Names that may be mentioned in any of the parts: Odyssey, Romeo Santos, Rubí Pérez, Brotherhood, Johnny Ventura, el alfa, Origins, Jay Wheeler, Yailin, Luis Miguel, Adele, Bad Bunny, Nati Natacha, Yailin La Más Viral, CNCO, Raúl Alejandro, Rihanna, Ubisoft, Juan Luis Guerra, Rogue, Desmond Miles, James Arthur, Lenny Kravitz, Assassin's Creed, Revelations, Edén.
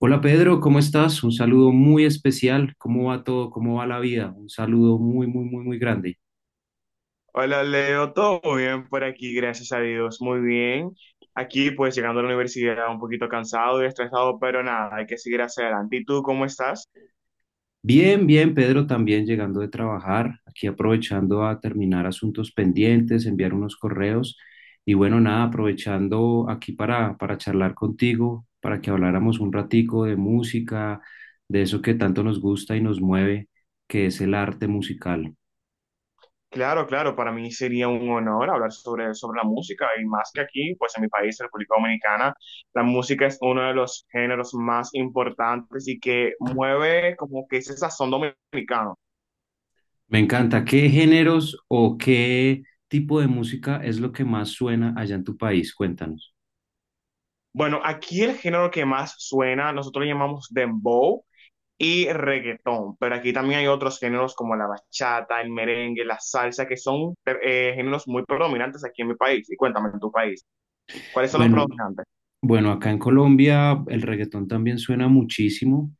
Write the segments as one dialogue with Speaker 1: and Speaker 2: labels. Speaker 1: Hola Pedro, ¿cómo estás? Un saludo muy especial. ¿Cómo va todo? ¿Cómo va la vida? Un saludo muy, muy, muy, muy grande.
Speaker 2: Hola Leo, todo bien por aquí, gracias a Dios, muy bien. Aquí pues llegando a la universidad un poquito cansado y estresado, pero nada, hay que seguir hacia adelante. ¿Y tú cómo estás?
Speaker 1: Bien, bien, Pedro, también llegando de trabajar, aquí aprovechando a terminar asuntos pendientes, enviar unos correos y bueno, nada, aprovechando aquí para charlar contigo, para que habláramos un ratico de música, de eso que tanto nos gusta y nos mueve, que es el arte musical.
Speaker 2: Claro, claro, para mí sería un honor hablar sobre la música y más que aquí, pues en mi país, la República Dominicana, la música es uno de los géneros más importantes y que mueve como que ese sazón dominicano.
Speaker 1: Me encanta. ¿Qué géneros o qué tipo de música es lo que más suena allá en tu país? Cuéntanos.
Speaker 2: Bueno, aquí el género que más suena, nosotros lo llamamos dembow y reggaetón, pero aquí también hay otros géneros como la bachata, el merengue, la salsa, que son géneros muy predominantes aquí en mi país. Y cuéntame, en tu país, ¿cuáles son los
Speaker 1: Bueno,
Speaker 2: predominantes?
Speaker 1: Bueno, acá en Colombia el reggaetón también suena muchísimo.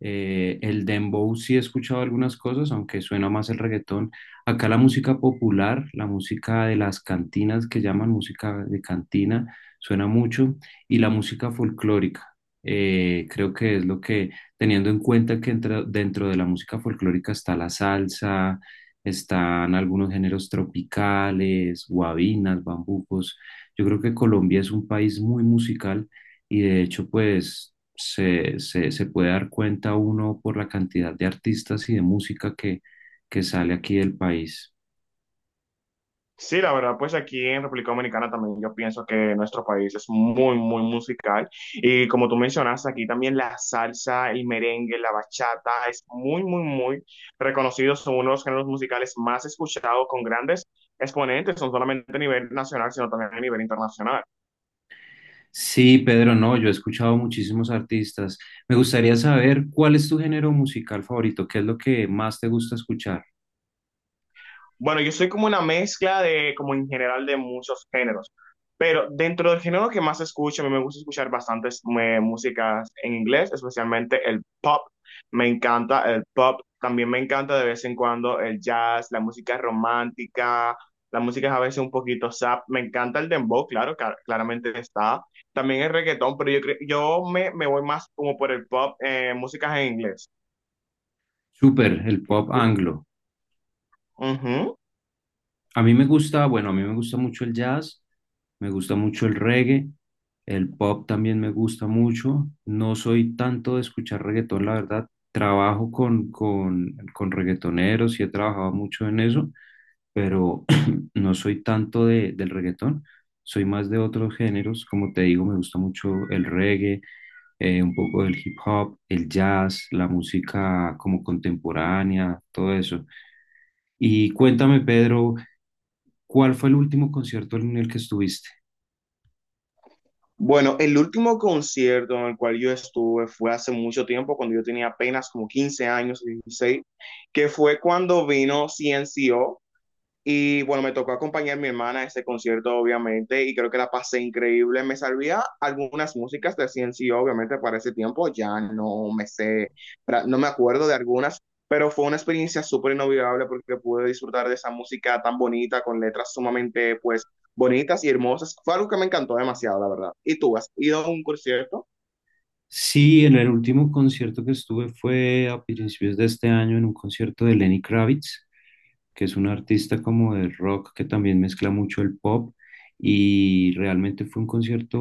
Speaker 1: El dembow sí he escuchado algunas cosas, aunque suena más el reggaetón. Acá la música popular, la música de las cantinas que llaman música de cantina, suena mucho. Y la música folclórica, creo que es lo teniendo en cuenta que dentro de la música folclórica está la salsa, están algunos géneros tropicales, guabinas, bambucos. Yo creo que Colombia es un país muy musical y de hecho pues se puede dar cuenta uno por la cantidad de artistas y de música que sale aquí del país.
Speaker 2: Sí, la verdad, pues aquí en República Dominicana también yo pienso que nuestro país es muy, muy musical. Y como tú mencionaste, aquí también la salsa, el merengue, la bachata es muy, muy, muy reconocido. Son uno de los géneros musicales más escuchados con grandes exponentes, no solamente a nivel nacional, sino también a nivel internacional.
Speaker 1: Sí, Pedro, no, yo he escuchado muchísimos artistas. Me gustaría saber cuál es tu género musical favorito, qué es lo que más te gusta escuchar.
Speaker 2: Bueno, yo soy como una mezcla de, como en general, de muchos géneros. Pero dentro del género que más escucho, a mí me gusta escuchar bastantes músicas en inglés, especialmente el pop. Me encanta el pop. También me encanta de vez en cuando el jazz, la música romántica, la música a veces un poquito sap. Me encanta el dembow, claro, claramente está. También el reggaetón, pero yo, cre- yo me, me voy más como por el pop, músicas en inglés.
Speaker 1: Súper, el pop
Speaker 2: ¿Tú?
Speaker 1: anglo.
Speaker 2: Ujú.
Speaker 1: A mí me gusta, bueno, a mí me gusta mucho el jazz, me gusta mucho el reggae, el pop también me gusta mucho. No soy tanto de escuchar reggaetón, la verdad. Trabajo con reggaetoneros y he trabajado mucho en eso, pero no soy tanto del reggaetón. Soy más de otros géneros, como te digo, me gusta mucho el reggae, un poco del hip hop, el jazz, la música como contemporánea, todo eso. Y cuéntame, Pedro, ¿cuál fue el último concierto en el que estuviste?
Speaker 2: Bueno, el último concierto en el cual yo estuve fue hace mucho tiempo, cuando yo tenía apenas como 15 años, 16, que fue cuando vino CNCO, y bueno, me tocó acompañar a mi hermana a ese concierto, obviamente, y creo que la pasé increíble. Me sabía algunas músicas de CNC, obviamente, para ese tiempo ya no me sé, no me acuerdo de algunas, pero fue una experiencia súper inolvidable porque pude disfrutar de esa música tan bonita, con letras sumamente, pues, bonitas y hermosas. Fue algo que me encantó demasiado, la verdad. ¿Y tú has ido a un concierto?
Speaker 1: Sí, en el último concierto que estuve fue a principios de este año en un concierto de Lenny Kravitz, que es un artista como de rock que también mezcla mucho el pop y realmente fue un concierto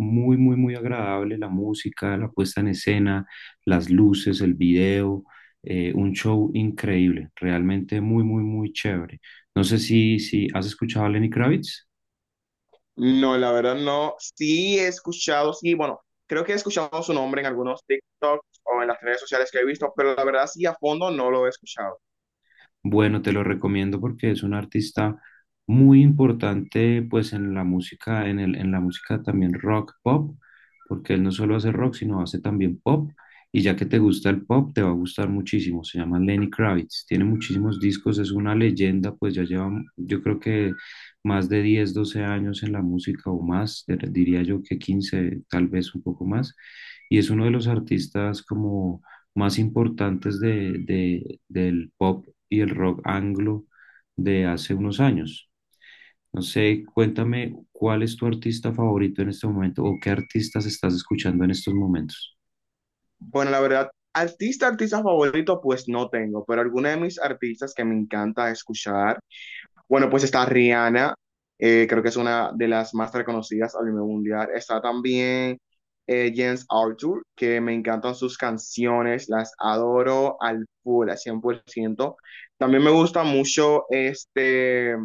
Speaker 1: muy, muy, muy agradable, la música, la puesta en escena, las luces, el video, un show increíble, realmente muy, muy, muy chévere. No sé si has escuchado a Lenny Kravitz.
Speaker 2: No, la verdad no. Sí he escuchado, sí, bueno, creo que he escuchado su nombre en algunos TikToks o en las redes sociales que he visto, pero la verdad sí a fondo no lo he escuchado.
Speaker 1: Bueno, te lo recomiendo porque es un artista muy importante pues en la música, en la música también rock pop, porque él no solo hace rock, sino hace también pop. Y ya que te gusta el pop, te va a gustar muchísimo. Se llama Lenny Kravitz, tiene muchísimos discos, es una leyenda, pues ya lleva, yo creo que más de 10 12 años en la música o más, diría yo que 15 tal vez un poco más. Y es uno de los artistas como más importantes del pop y el rock anglo de hace unos años. No sé, cuéntame cuál es tu artista favorito en este momento o qué artistas estás escuchando en estos momentos.
Speaker 2: Bueno, la verdad, artista, artista favorito, pues no tengo, pero alguna de mis artistas que me encanta escuchar. Bueno, pues está Rihanna, creo que es una de las más reconocidas a nivel mundial. Está también James Arthur, que me encantan sus canciones, las adoro al full, al 100%. También me gusta mucho este.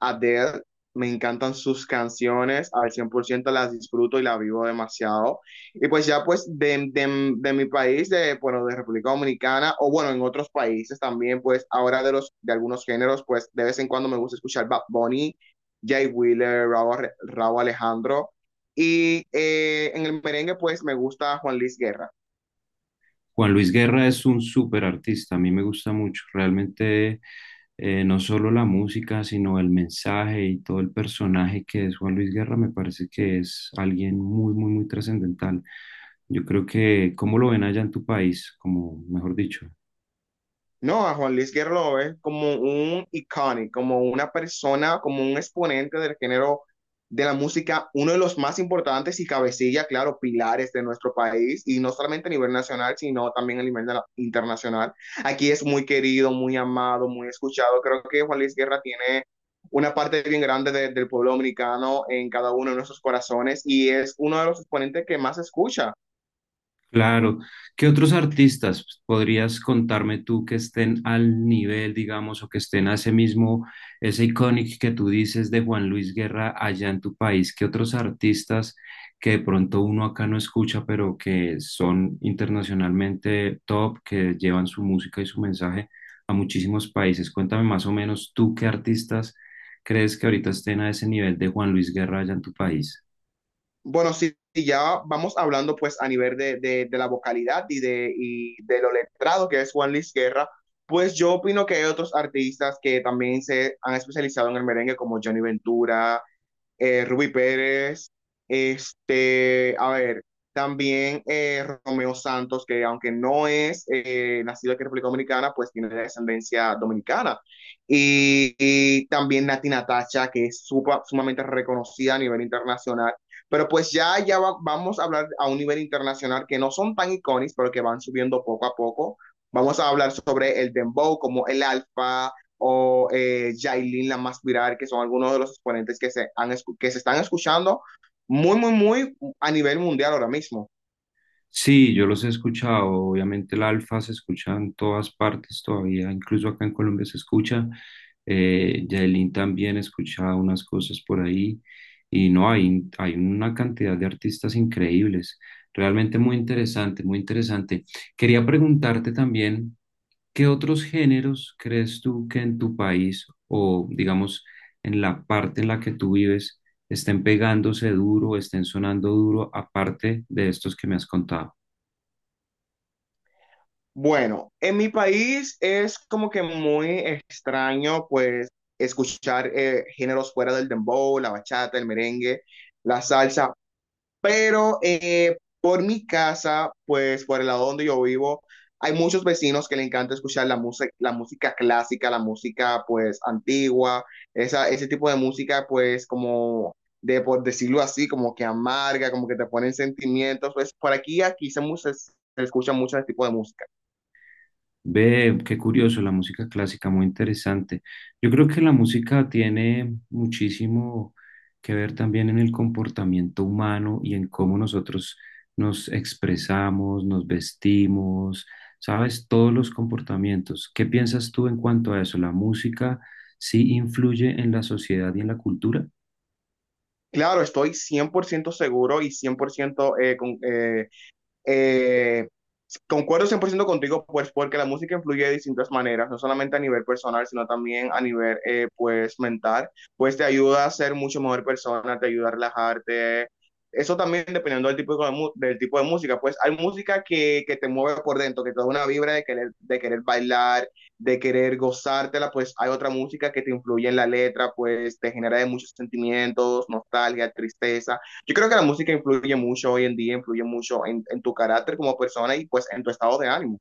Speaker 2: Adele, me encantan sus canciones, al 100% las disfruto y las vivo demasiado. Y pues ya pues de mi país, de, bueno, de República Dominicana, o bueno, en otros países también, pues ahora de, los, de algunos géneros, pues de vez en cuando me gusta escuchar Bad Bunny, Jay Wheeler, Raúl, Raúl Alejandro. Y en el merengue, pues me gusta Juan Luis Guerra.
Speaker 1: Juan Luis Guerra es un súper artista, a mí me gusta mucho, realmente no solo la música, sino el mensaje y todo el personaje que es Juan Luis Guerra, me parece que es alguien muy, muy, muy trascendental. Yo creo que, ¿cómo lo ven allá en tu país? Como, mejor dicho,
Speaker 2: No, a Juan Luis Guerra lo ves como un iconic, como una persona, como un exponente del género de la música, uno de los más importantes y cabecilla, claro, pilares de nuestro país, y no solamente a nivel nacional, sino también a nivel internacional. Aquí es muy querido, muy amado, muy escuchado. Creo que Juan Luis Guerra tiene una parte bien grande del pueblo dominicano en cada uno de nuestros corazones y es uno de los exponentes que más se escucha.
Speaker 1: claro. ¿Qué otros artistas podrías contarme tú que estén al nivel, digamos, o que estén a ese mismo, ese icónico que tú dices de Juan Luis Guerra allá en tu país? ¿Qué otros artistas que de pronto uno acá no escucha, pero que son internacionalmente top, que llevan su música y su mensaje a muchísimos países? Cuéntame más o menos tú qué artistas crees que ahorita estén a ese nivel de Juan Luis Guerra allá en tu país.
Speaker 2: Bueno, si ya vamos hablando pues a nivel de la vocalidad y de lo letrado que es Juan Luis Guerra, pues yo opino que hay otros artistas que también se han especializado en el merengue como Johnny Ventura, Rubí Pérez, este, a ver, también Romeo Santos, que aunque no es nacido aquí en República Dominicana, pues tiene descendencia dominicana. Y también Nati Natacha, que es sumamente reconocida a nivel internacional. Pero pues ya, vamos a hablar a un nivel internacional que no son tan icónicos, pero que van subiendo poco a poco. Vamos a hablar sobre el dembow, como el alfa, o Yailin La Más Viral, que son algunos de los exponentes que se están escuchando muy, muy, muy a nivel mundial ahora mismo.
Speaker 1: Sí, yo los he escuchado. Obviamente el alfa se escucha en todas partes todavía, incluso acá en Colombia se escucha. Yailin también escucha unas cosas por ahí. Y no, hay una cantidad de artistas increíbles. Realmente muy interesante, muy interesante. Quería preguntarte también, ¿qué otros géneros crees tú que en tu país o digamos en la parte en la que tú vives estén pegándose duro, estén sonando duro, aparte de estos que me has contado?
Speaker 2: Bueno, en mi país es como que muy extraño, pues, escuchar géneros fuera del dembow, la bachata, el merengue, la salsa, pero por mi casa, pues por el lado donde yo vivo, hay muchos vecinos que le encanta escuchar la música clásica, la música pues antigua, esa, ese tipo de música pues como de, por decirlo así, como que amarga, como que te ponen sentimientos. Pues por aquí, se escucha mucho ese tipo de música.
Speaker 1: Ve, qué curioso, la música clásica, muy interesante. Yo creo que la música tiene muchísimo que ver también en el comportamiento humano y en cómo nosotros nos expresamos, nos vestimos, sabes, todos los comportamientos. ¿Qué piensas tú en cuanto a eso? ¿La música sí influye en la sociedad y en la cultura?
Speaker 2: Claro, estoy 100% seguro y 100% eh, concuerdo 100% contigo, pues porque la música influye de distintas maneras, no solamente a nivel personal, sino también a nivel, pues, mental, pues te ayuda a ser mucho mejor persona, te ayuda a relajarte. Eso también dependiendo del tipo del tipo de música, pues hay música que te mueve por dentro, que te da una vibra de querer bailar, de querer gozártela, pues hay otra música que te influye en la letra, pues te genera de muchos sentimientos, nostalgia, tristeza. Yo creo que la música influye mucho hoy en día, influye mucho en tu carácter como persona y pues en tu estado de ánimo.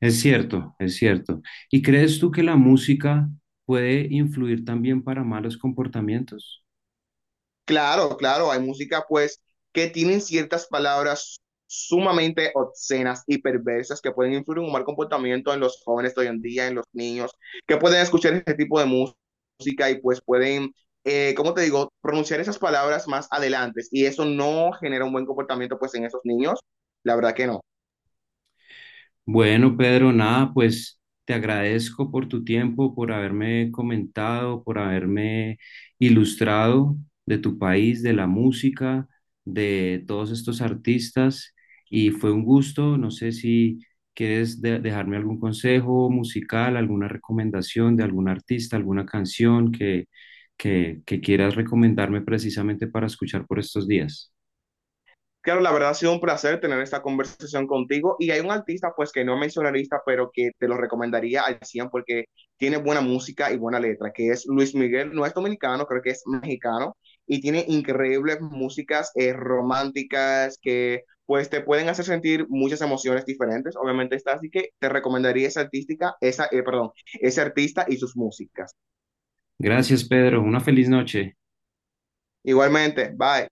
Speaker 1: Es cierto, es cierto. ¿Y crees tú que la música puede influir también para malos comportamientos?
Speaker 2: Claro, claro, hay música pues que tienen ciertas palabras sumamente obscenas y perversas que pueden influir en un mal comportamiento en los jóvenes de hoy en día, en los niños, que pueden escuchar este tipo de música y pues pueden, ¿cómo te digo? Pronunciar esas palabras más adelante. Y eso no genera un buen comportamiento pues en esos niños, la verdad que no.
Speaker 1: Bueno, Pedro, nada, pues te agradezco por tu tiempo, por haberme comentado, por haberme ilustrado de tu país, de la música, de todos estos artistas. Y fue un gusto. No sé si quieres dejarme algún consejo musical, alguna recomendación de algún artista, alguna canción que quieras recomendarme precisamente para escuchar por estos días.
Speaker 2: Claro, la verdad ha sido un placer tener esta conversación contigo y hay un artista pues que no es mencionarista, pero que te lo recomendaría al 100 porque tiene buena música y buena letra, que es Luis Miguel, no es dominicano, creo que es mexicano y tiene increíbles músicas románticas que pues te pueden hacer sentir muchas emociones diferentes, obviamente está, así que te recomendaría esa artística, esa, perdón, ese artista y sus músicas.
Speaker 1: Gracias, Pedro. Una feliz noche.
Speaker 2: Igualmente, bye.